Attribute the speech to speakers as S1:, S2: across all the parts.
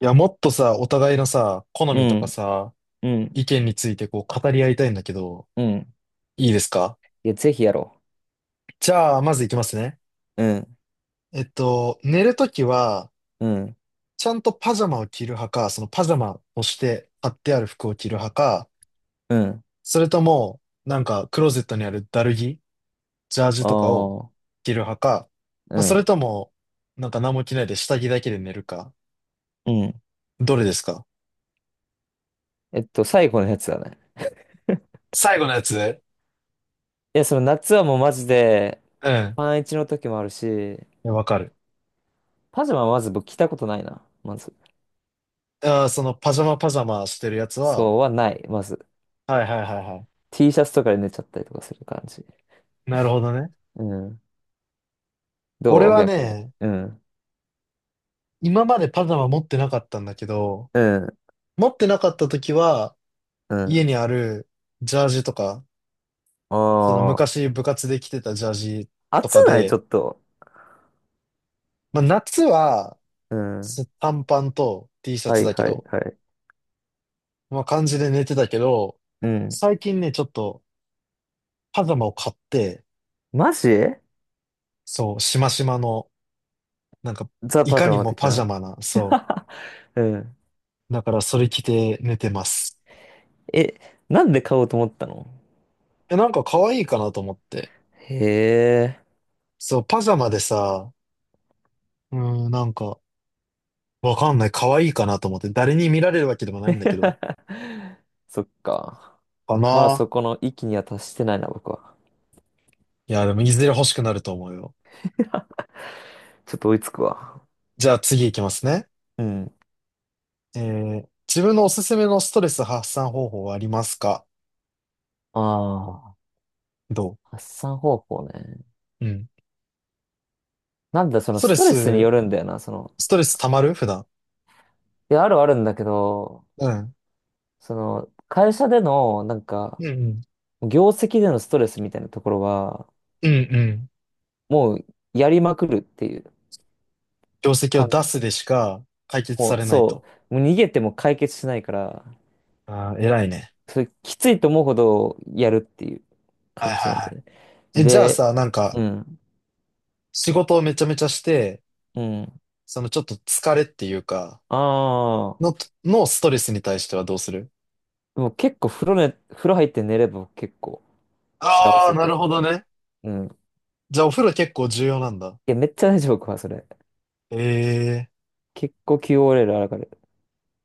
S1: いや、もっとさ、お互いのさ、好
S2: う
S1: みとか
S2: ん、
S1: さ、
S2: うん、
S1: 意見についてこう語り合いたいんだけど、
S2: うん。
S1: いいですか？
S2: いや、ぜひやろ
S1: じゃあ、まずいきますね。
S2: う。うん、
S1: 寝るときは、
S2: うん、
S1: ちゃんとパジャマを着る派か、そのパジャマをして貼ってある服を着る派か、
S2: うん。
S1: それとも、なんか、クローゼットにあるダルギ、ジャージ
S2: あ
S1: とかを
S2: あ、
S1: 着る派か、ま
S2: う
S1: あ、そ
S2: ん、
S1: れとも、なんか何も着ないで下着だけで寝るか、
S2: うん。
S1: どれですか？
S2: 最後のやつだね。
S1: 最後のやつ、
S2: いや、その夏はもうマジで、
S1: うん。
S2: パンイチの時もあるし、
S1: いやわかる。
S2: パジャマはまず僕着たことないな、まず。
S1: あー、そのパジャマパジャマしてるやつは、
S2: そうはない、まず。
S1: はいはいはいは
S2: T シャツとかで寝ちゃったりとかする感じ。
S1: い。なるほどね。
S2: うん。
S1: 俺
S2: どう
S1: は
S2: 逆に。
S1: ね、
S2: うん、
S1: 今までパジャマ持ってなかったんだけど、
S2: うん、
S1: 持ってなかった時は、
S2: う
S1: 家
S2: ん。
S1: にあるジャージとか、その
S2: あ
S1: 昔部活で着てたジャージ
S2: あ、
S1: と
S2: 暑
S1: か
S2: ないちょ
S1: で、
S2: っと。
S1: まあ夏は
S2: うん。
S1: 短パンと T シャ
S2: は
S1: ツ
S2: い
S1: だけ
S2: はい
S1: ど、
S2: はい。
S1: まあ感じで寝てたけど、
S2: うん。
S1: 最近ね、ちょっとパジャマを買って、
S2: マジ
S1: そう、しましまの、なんか、
S2: ザ・
S1: い
S2: パ
S1: か
S2: ジャ
S1: に
S2: マ
S1: も
S2: 的
S1: パジャ
S2: な。
S1: マな、そ
S2: うん。
S1: う。だからそれ着て寝てます。
S2: え、なんで買おうと思ったの？
S1: え、なんか可愛いかなと思って。
S2: へえ。
S1: そう、パジャマでさ、うーん、なんか、わかんない。可愛いかなと思って。誰に見られるわけでもないんだけど。
S2: そっか。
S1: か
S2: まだそ
S1: な、
S2: この域には達してないな、僕は。
S1: いや、でも、いずれ欲しくなると思うよ。
S2: ちょっと追いつくわ。
S1: じゃあ、次行きますね。
S2: うん。
S1: えー、自分のおすすめのストレス発散方法はありますか？
S2: ああ、
S1: ど
S2: 発散方法ね。
S1: う、うん。
S2: なんだ、そ
S1: ス
S2: の
S1: ト
S2: ス
S1: レ
S2: トレスに
S1: ス、
S2: よるんだよな、その。
S1: ストレス溜まる普段。
S2: いや、あるはあるんだけど、
S1: うん。
S2: その、会社での、なん
S1: う
S2: か、
S1: んうん。
S2: 業績でのストレスみたいなところは、
S1: うんうん。
S2: もう、やりまくるっていう
S1: 業績を
S2: か、
S1: 出すでしか解決
S2: も
S1: さ
S2: う、
S1: れない
S2: そ
S1: と。
S2: う、もう逃げても解決しないから、
S1: ああ、偉いね。
S2: それきついと思うほどやるっていう
S1: は
S2: 感
S1: い
S2: じ
S1: は
S2: なん
S1: いは
S2: だよね。
S1: い。え、じゃあ
S2: で、
S1: さ、なんか、
S2: うん、
S1: 仕事をめちゃめちゃして、
S2: うん。
S1: そのちょっと疲れっていうか、
S2: ああ、
S1: の、のストレスに対してはどうする？
S2: でも結構風呂ね、風呂入って寝れば結構幸
S1: ああ
S2: せっ
S1: ー、な
S2: て
S1: るほ
S2: 感
S1: ど
S2: じる。
S1: ね。
S2: うん。い
S1: じゃあお風呂結構重要なんだ。
S2: や、めっちゃ大丈夫か、僕はそれ。
S1: ええ
S2: 結構 QOL 上がる。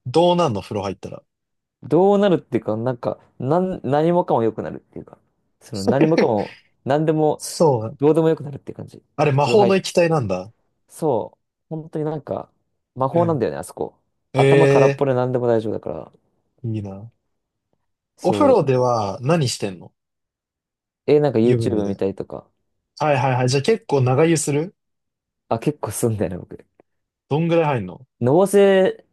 S1: ー、どうなんの風呂入ったら。
S2: どうなるっていうか、なんか、何もかも良くなるっていうか、その何もか も、何でも、
S1: そう。
S2: どうでも良くなるっていう感じ。
S1: あれ、魔
S2: 風呂
S1: 法
S2: 入
S1: の
S2: っ、
S1: 液体なんだ。
S2: そう、本当になんか、魔法なん
S1: う
S2: だよね、あそこ。頭空っ
S1: ん。ええ
S2: ぽで何でも大丈夫だから。
S1: ー、いいな。お風
S2: そう。
S1: 呂では何してんの？
S2: え、なんか
S1: 湯船
S2: YouTube 見
S1: で。
S2: たりとか。
S1: はいはいはい。じゃあ結構長湯する？
S2: あ、結構すんだよね、僕。
S1: どんぐらい入んの？
S2: のぼせ、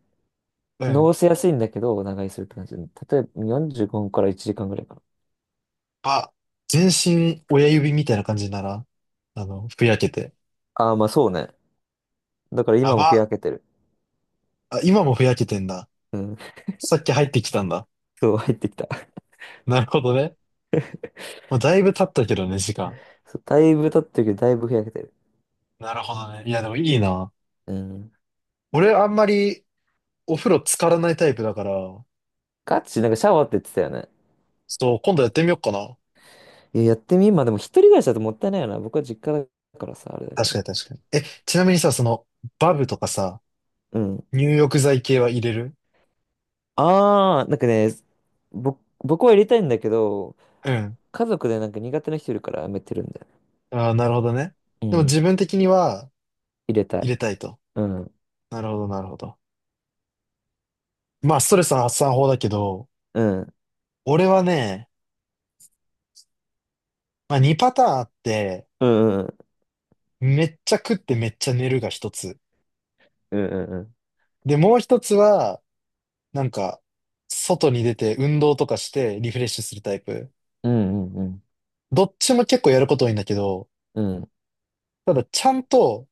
S1: う
S2: の
S1: ん。
S2: ぼせやすいんだけど、長居するって感じ。例えば45分から1時間ぐらいかな。
S1: あ、全身親指みたいな感じにならん、あの、ふやけて。
S2: ああ、まあそうね。だから
S1: や
S2: 今もふ
S1: ば。
S2: やけてる。
S1: あ、今もふやけてんだ。
S2: うん。
S1: さっき入ってきたんだ。
S2: そう、入ってきた。
S1: なるほどね。まあ、だいぶ経ったけどね、時間。
S2: そう、だいぶ経ってるけど、だいぶふやけてる。
S1: なるほどね。いや、でもいいな。
S2: うん。
S1: 俺、あんまりお風呂浸からないタイプだから、
S2: ガチ、なんかシャワーって言ってたよね。
S1: そう、今度やってみようかな。
S2: いや、やってみ、まあでも一人暮らしだともったいないよな。僕は実家だからさ、あれだけ
S1: 確か
S2: ど。
S1: に確かに。え、ちなみにさ、その、バブとかさ、
S2: うん。
S1: 入浴剤系は入れる？
S2: ああ、なんかね、僕は入れたいんだけど、
S1: うん。
S2: 家族でなんか苦手な人いるからやめてるんだよね。
S1: ああ、なるほどね。
S2: う
S1: でも
S2: ん。
S1: 自分的には
S2: 入れた
S1: 入
S2: い。
S1: れたいと。
S2: うん。
S1: なるほど、なるほど。まあ、ストレス発散法だけど、
S2: うん。
S1: 俺はね、まあ、2パターンあって、
S2: うんうんう
S1: めっちゃ食ってめっちゃ寝るが一つ。
S2: ん。
S1: で、もう一つは、なんか、外に出て運動とかしてリフレッシュするタイプ。
S2: うんうんうん
S1: どっちも結構やること多いんだけど、
S2: うんうん。うんうん。うん
S1: ただちゃんと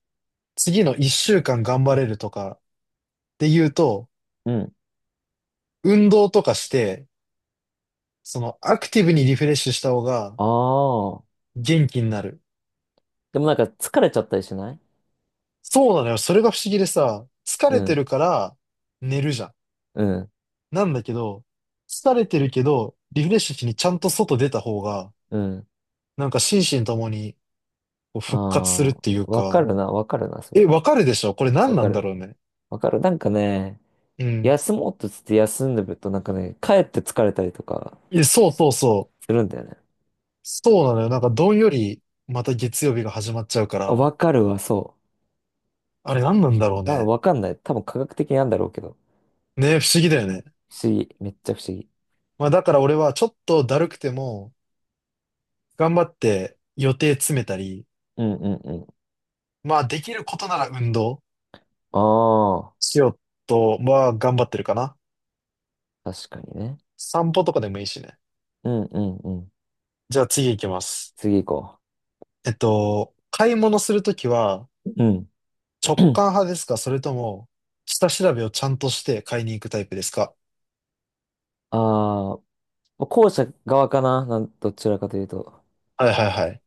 S1: 次の一週間頑張れるとかっていうと、
S2: うんうん。
S1: 運動とかして、そのアクティブにリフレッシュした方が
S2: ああ。
S1: 元気になる。
S2: でもなんか疲れちゃったりしない？
S1: そうなのよ。それが不思議でさ、疲
S2: う
S1: れてる
S2: ん
S1: から寝るじゃん。
S2: うん
S1: なんだけど、疲れてるけど、リフレッシュしにちゃんと外出た方が、
S2: うん。
S1: なんか心身ともにこう
S2: あ
S1: 復活するっ
S2: あ。
S1: ていう
S2: わか
S1: か、
S2: るな、わかるな、そ
S1: え、
S2: れ。
S1: わかるでしょ？これ何
S2: わ
S1: な
S2: か
S1: んだ
S2: る。
S1: ろうね。
S2: わかる。なんかね、
S1: うん。
S2: 休もうとつって休んでるとなんかね、帰って疲れたりとか
S1: いや、そうそうそう。
S2: するんだよね。
S1: そうなのよ。なんかどんよりまた月曜日が始まっちゃうか
S2: あ
S1: ら、
S2: わかるわ、そ
S1: あれ何なんだろう
S2: う。
S1: ね。
S2: わかんない。多分科学的なんだろうけど。
S1: ね、不思議だよね。
S2: 不思議。めっちゃ不思議。
S1: まあだから俺はちょっとだるくても、頑張って予定詰めたり、
S2: うんうんうん。
S1: まあできることなら運動
S2: あ
S1: しようとは頑張ってるかな。
S2: あ。確かにね。
S1: 散歩とかでもいいしね。
S2: うんうんうん。
S1: じゃあ次行きます。
S2: 次行こ
S1: 買い物するときは
S2: う。うん。
S1: 直感 派ですか、それとも下調べをちゃんとして買いに行くタイプですか？
S2: ああ、まあ後者側かな、どちらかというと。
S1: はいはいはい。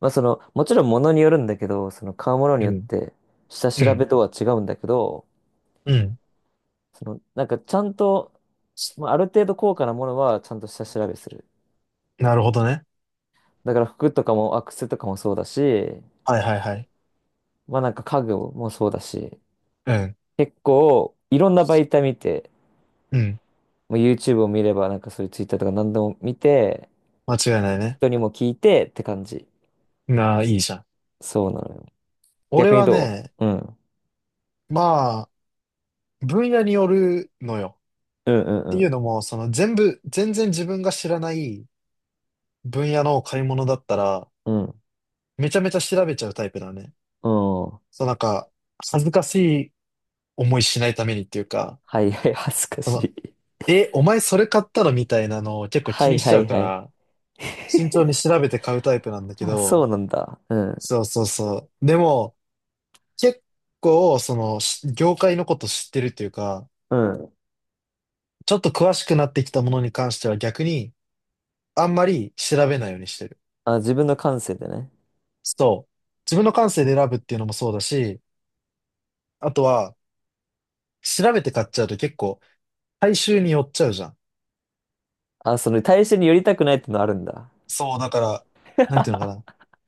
S2: まあその、もちろん物によるんだけど、その買うものに
S1: う
S2: よっ
S1: ん。
S2: て下
S1: う
S2: 調
S1: ん。
S2: べとは違うんだけど、
S1: うん、
S2: その、なんかちゃんと、まあある程度高価なものはちゃんと下調べする。
S1: なるほどね。
S2: だから服とかも、アクセとかもそうだし、
S1: はいはいはい。
S2: まあなんか家具もそうだし、
S1: うん。
S2: 結構いろんな媒体見て、
S1: うん。
S2: もう YouTube を見ればなんかそういう Twitter とか何でも見て、
S1: 間違いないね。
S2: 人にも聞いてって感じ。
S1: なあ、いいじゃん。
S2: そうなのよ。
S1: 俺
S2: 逆に
S1: は
S2: ど
S1: ね、
S2: う？うん。
S1: まあ、分野によるのよ。
S2: うんう
S1: って
S2: んう
S1: いう
S2: ん。
S1: のも、その全然自分が知らない分野の買い物だったら、
S2: うん
S1: めちゃめちゃ調べちゃうタイプだね。
S2: うん。は
S1: そうなんか、恥ずかしい思いしないためにっていうか、
S2: いはい、恥ずか
S1: そ
S2: し
S1: の、
S2: い。
S1: え、お前それ買ったのみたいなのを結構
S2: は
S1: 気に
S2: い
S1: し
S2: は
S1: ちゃ
S2: い
S1: うか
S2: はい。
S1: ら、慎重に調べて買うタイプなんだけ
S2: あ、そう
S1: ど、
S2: なんだ。うん。
S1: そうそうそう。でも、結構、その、業界のこと知ってるというか、
S2: うん。
S1: ちょっと詳しくなってきたものに関しては逆に、あんまり調べないようにしてる。
S2: あ、自分の感性でね。
S1: そう。自分の感性で選ぶっていうのもそうだし、あとは、調べて買っちゃうと結構、大衆に寄っちゃうじゃん。
S2: あ、その対象に寄りたくないってのあるんだ。
S1: そう、だから、なんていうのか な。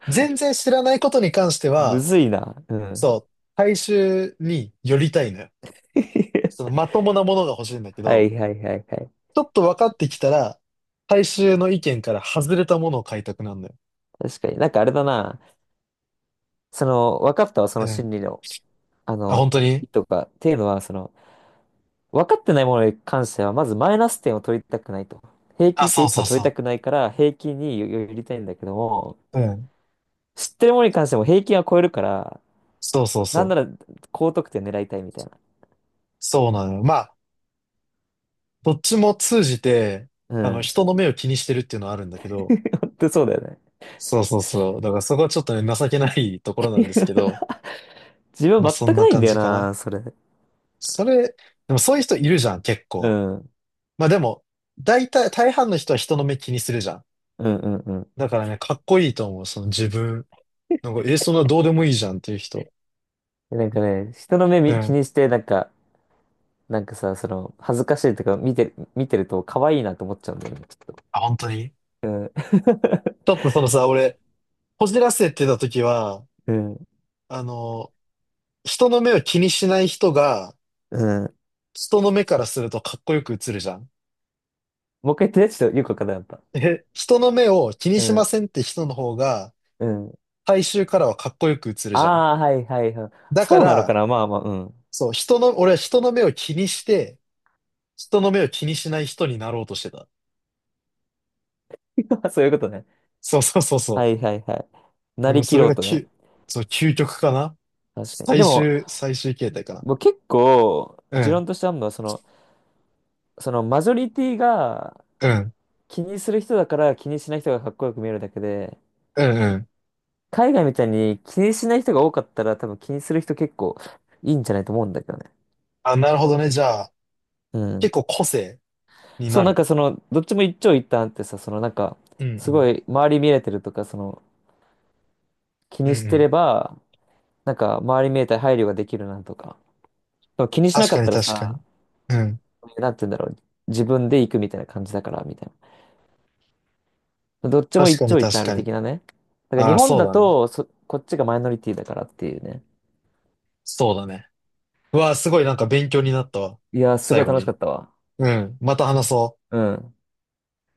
S1: 全然知らないことに関して
S2: む
S1: は、
S2: ずいな。うん。
S1: そう、大衆に寄りたいのよ。その、まともなものが欲しいんだけ
S2: は
S1: ど、
S2: いはいはいはい。
S1: ちょっと分かってきたら、大衆の意見から外れたものを買いたくなるのよ。
S2: 確かに。なんかあれだな。その、分かったわ、そ
S1: う
S2: の
S1: ん、
S2: 心理の、あ
S1: あ、
S2: の、
S1: 本当
S2: 意
S1: に、
S2: 図が。っていうのは、その、分かってないものに関しては、まずマイナス点を取りたくないと。平
S1: あ、
S2: 均点
S1: そ
S2: 以
S1: う
S2: 下
S1: そ
S2: を
S1: う
S2: 取りた
S1: そ
S2: くないから、平均に寄りたいんだけども、
S1: う。うん。
S2: 知ってるものに関しても平均は超えるから、
S1: そうそう
S2: な
S1: そ
S2: んな
S1: う。
S2: ら高得点狙いたいみたいな。
S1: そうなのよ。まあ、どっちも通じて、
S2: う
S1: あの、
S2: ん。
S1: 人の目を気にしてるっていうのはあるんだけ ど、
S2: 本当そうだよね。
S1: そうそうそう。だからそこはちょっとね、情けないところなんですけど、
S2: 自分
S1: まあそん
S2: 全く
S1: な
S2: ないん
S1: 感
S2: だよ
S1: じかな。
S2: な、それ。
S1: それ、でもそういう人いるじゃん、結
S2: う
S1: 構。
S2: ん。うん
S1: まあでも、大体、大半の人は人の目気にするじゃん。
S2: うんうん。
S1: だからね、かっこいいと思う、その自分。なんか、え、そんなどうでもいいじゃんっていう人。
S2: でなんかね、人の目
S1: う
S2: み気
S1: ん。
S2: にして、なんか、なんかさ、その、恥ずかしいとか見てると可愛いなと思っちゃうんだよね、ちょっと。
S1: あ、本当に、
S2: うん。
S1: ちょっとそのさ、俺、こじらせてた時は、
S2: うん。
S1: あの、人の目を気にしない人が、
S2: うん。
S1: 人の目からするとかっこよく映るじゃん。
S2: もう一回言ってね、ちょっとよくわかんなかった。
S1: え、人の目を気に
S2: う
S1: しま
S2: ん。
S1: せんって人の方が、
S2: うん。
S1: 大衆からはかっこよく映る
S2: あ
S1: じゃん。
S2: あ、はいはいはい。
S1: だか
S2: そうなのか
S1: ら、
S2: な、まあまあ、うん。
S1: そう、人の、俺は人の目を気にして、人の目を気にしない人になろうとしてた。
S2: そういうことね。
S1: そうそうそう
S2: は
S1: そ
S2: いはいはい。な
S1: う。うん、
S2: りき
S1: それ
S2: ろう
S1: が
S2: とね。
S1: き、そう、究極かな。
S2: 確かに。でも、
S1: 最終形態かな。
S2: 僕結構、
S1: う
S2: 持
S1: ん、
S2: 論としてあるのは、そのマジョリティが
S1: うん、
S2: 気にする人だから気にしない人がかっこよく見えるだけで、
S1: うん、うん。
S2: 海外みたいに気にしない人が多かったら多分気にする人結構いいんじゃないと思うんだけどね。
S1: あ、なるほどね。じゃあ、
S2: う
S1: 結
S2: ん。
S1: 構個性に
S2: そう、
S1: な
S2: なん
S1: る。
S2: かその、どっちも一長一短ってさ、そのなんか、
S1: うん、う
S2: すご
S1: ん、
S2: い周り見れてるとか、その、気
S1: う
S2: にし
S1: ん、う
S2: て
S1: ん。
S2: れば、なんか周り見えたり配慮ができるなとか。でも気にしな
S1: 確
S2: か
S1: か
S2: っ
S1: に
S2: たら
S1: 確か
S2: さ、
S1: に。うん。
S2: なんて言うんだろう。自分で行くみたいな感じだから、みたいな。どっちも
S1: 確
S2: 一
S1: かに
S2: 長一
S1: 確
S2: 短ある
S1: かに。
S2: 的なね。だから日
S1: ああ、
S2: 本
S1: そう
S2: だ
S1: だね。
S2: と、こっちがマイノリティだからっていうね。
S1: そうだね。うわあ、すごいなんか勉強になったわ。
S2: いやー、すご
S1: 最
S2: い
S1: 後
S2: 楽し
S1: に。
S2: かったわ。
S1: うん。また話そう。
S2: うん。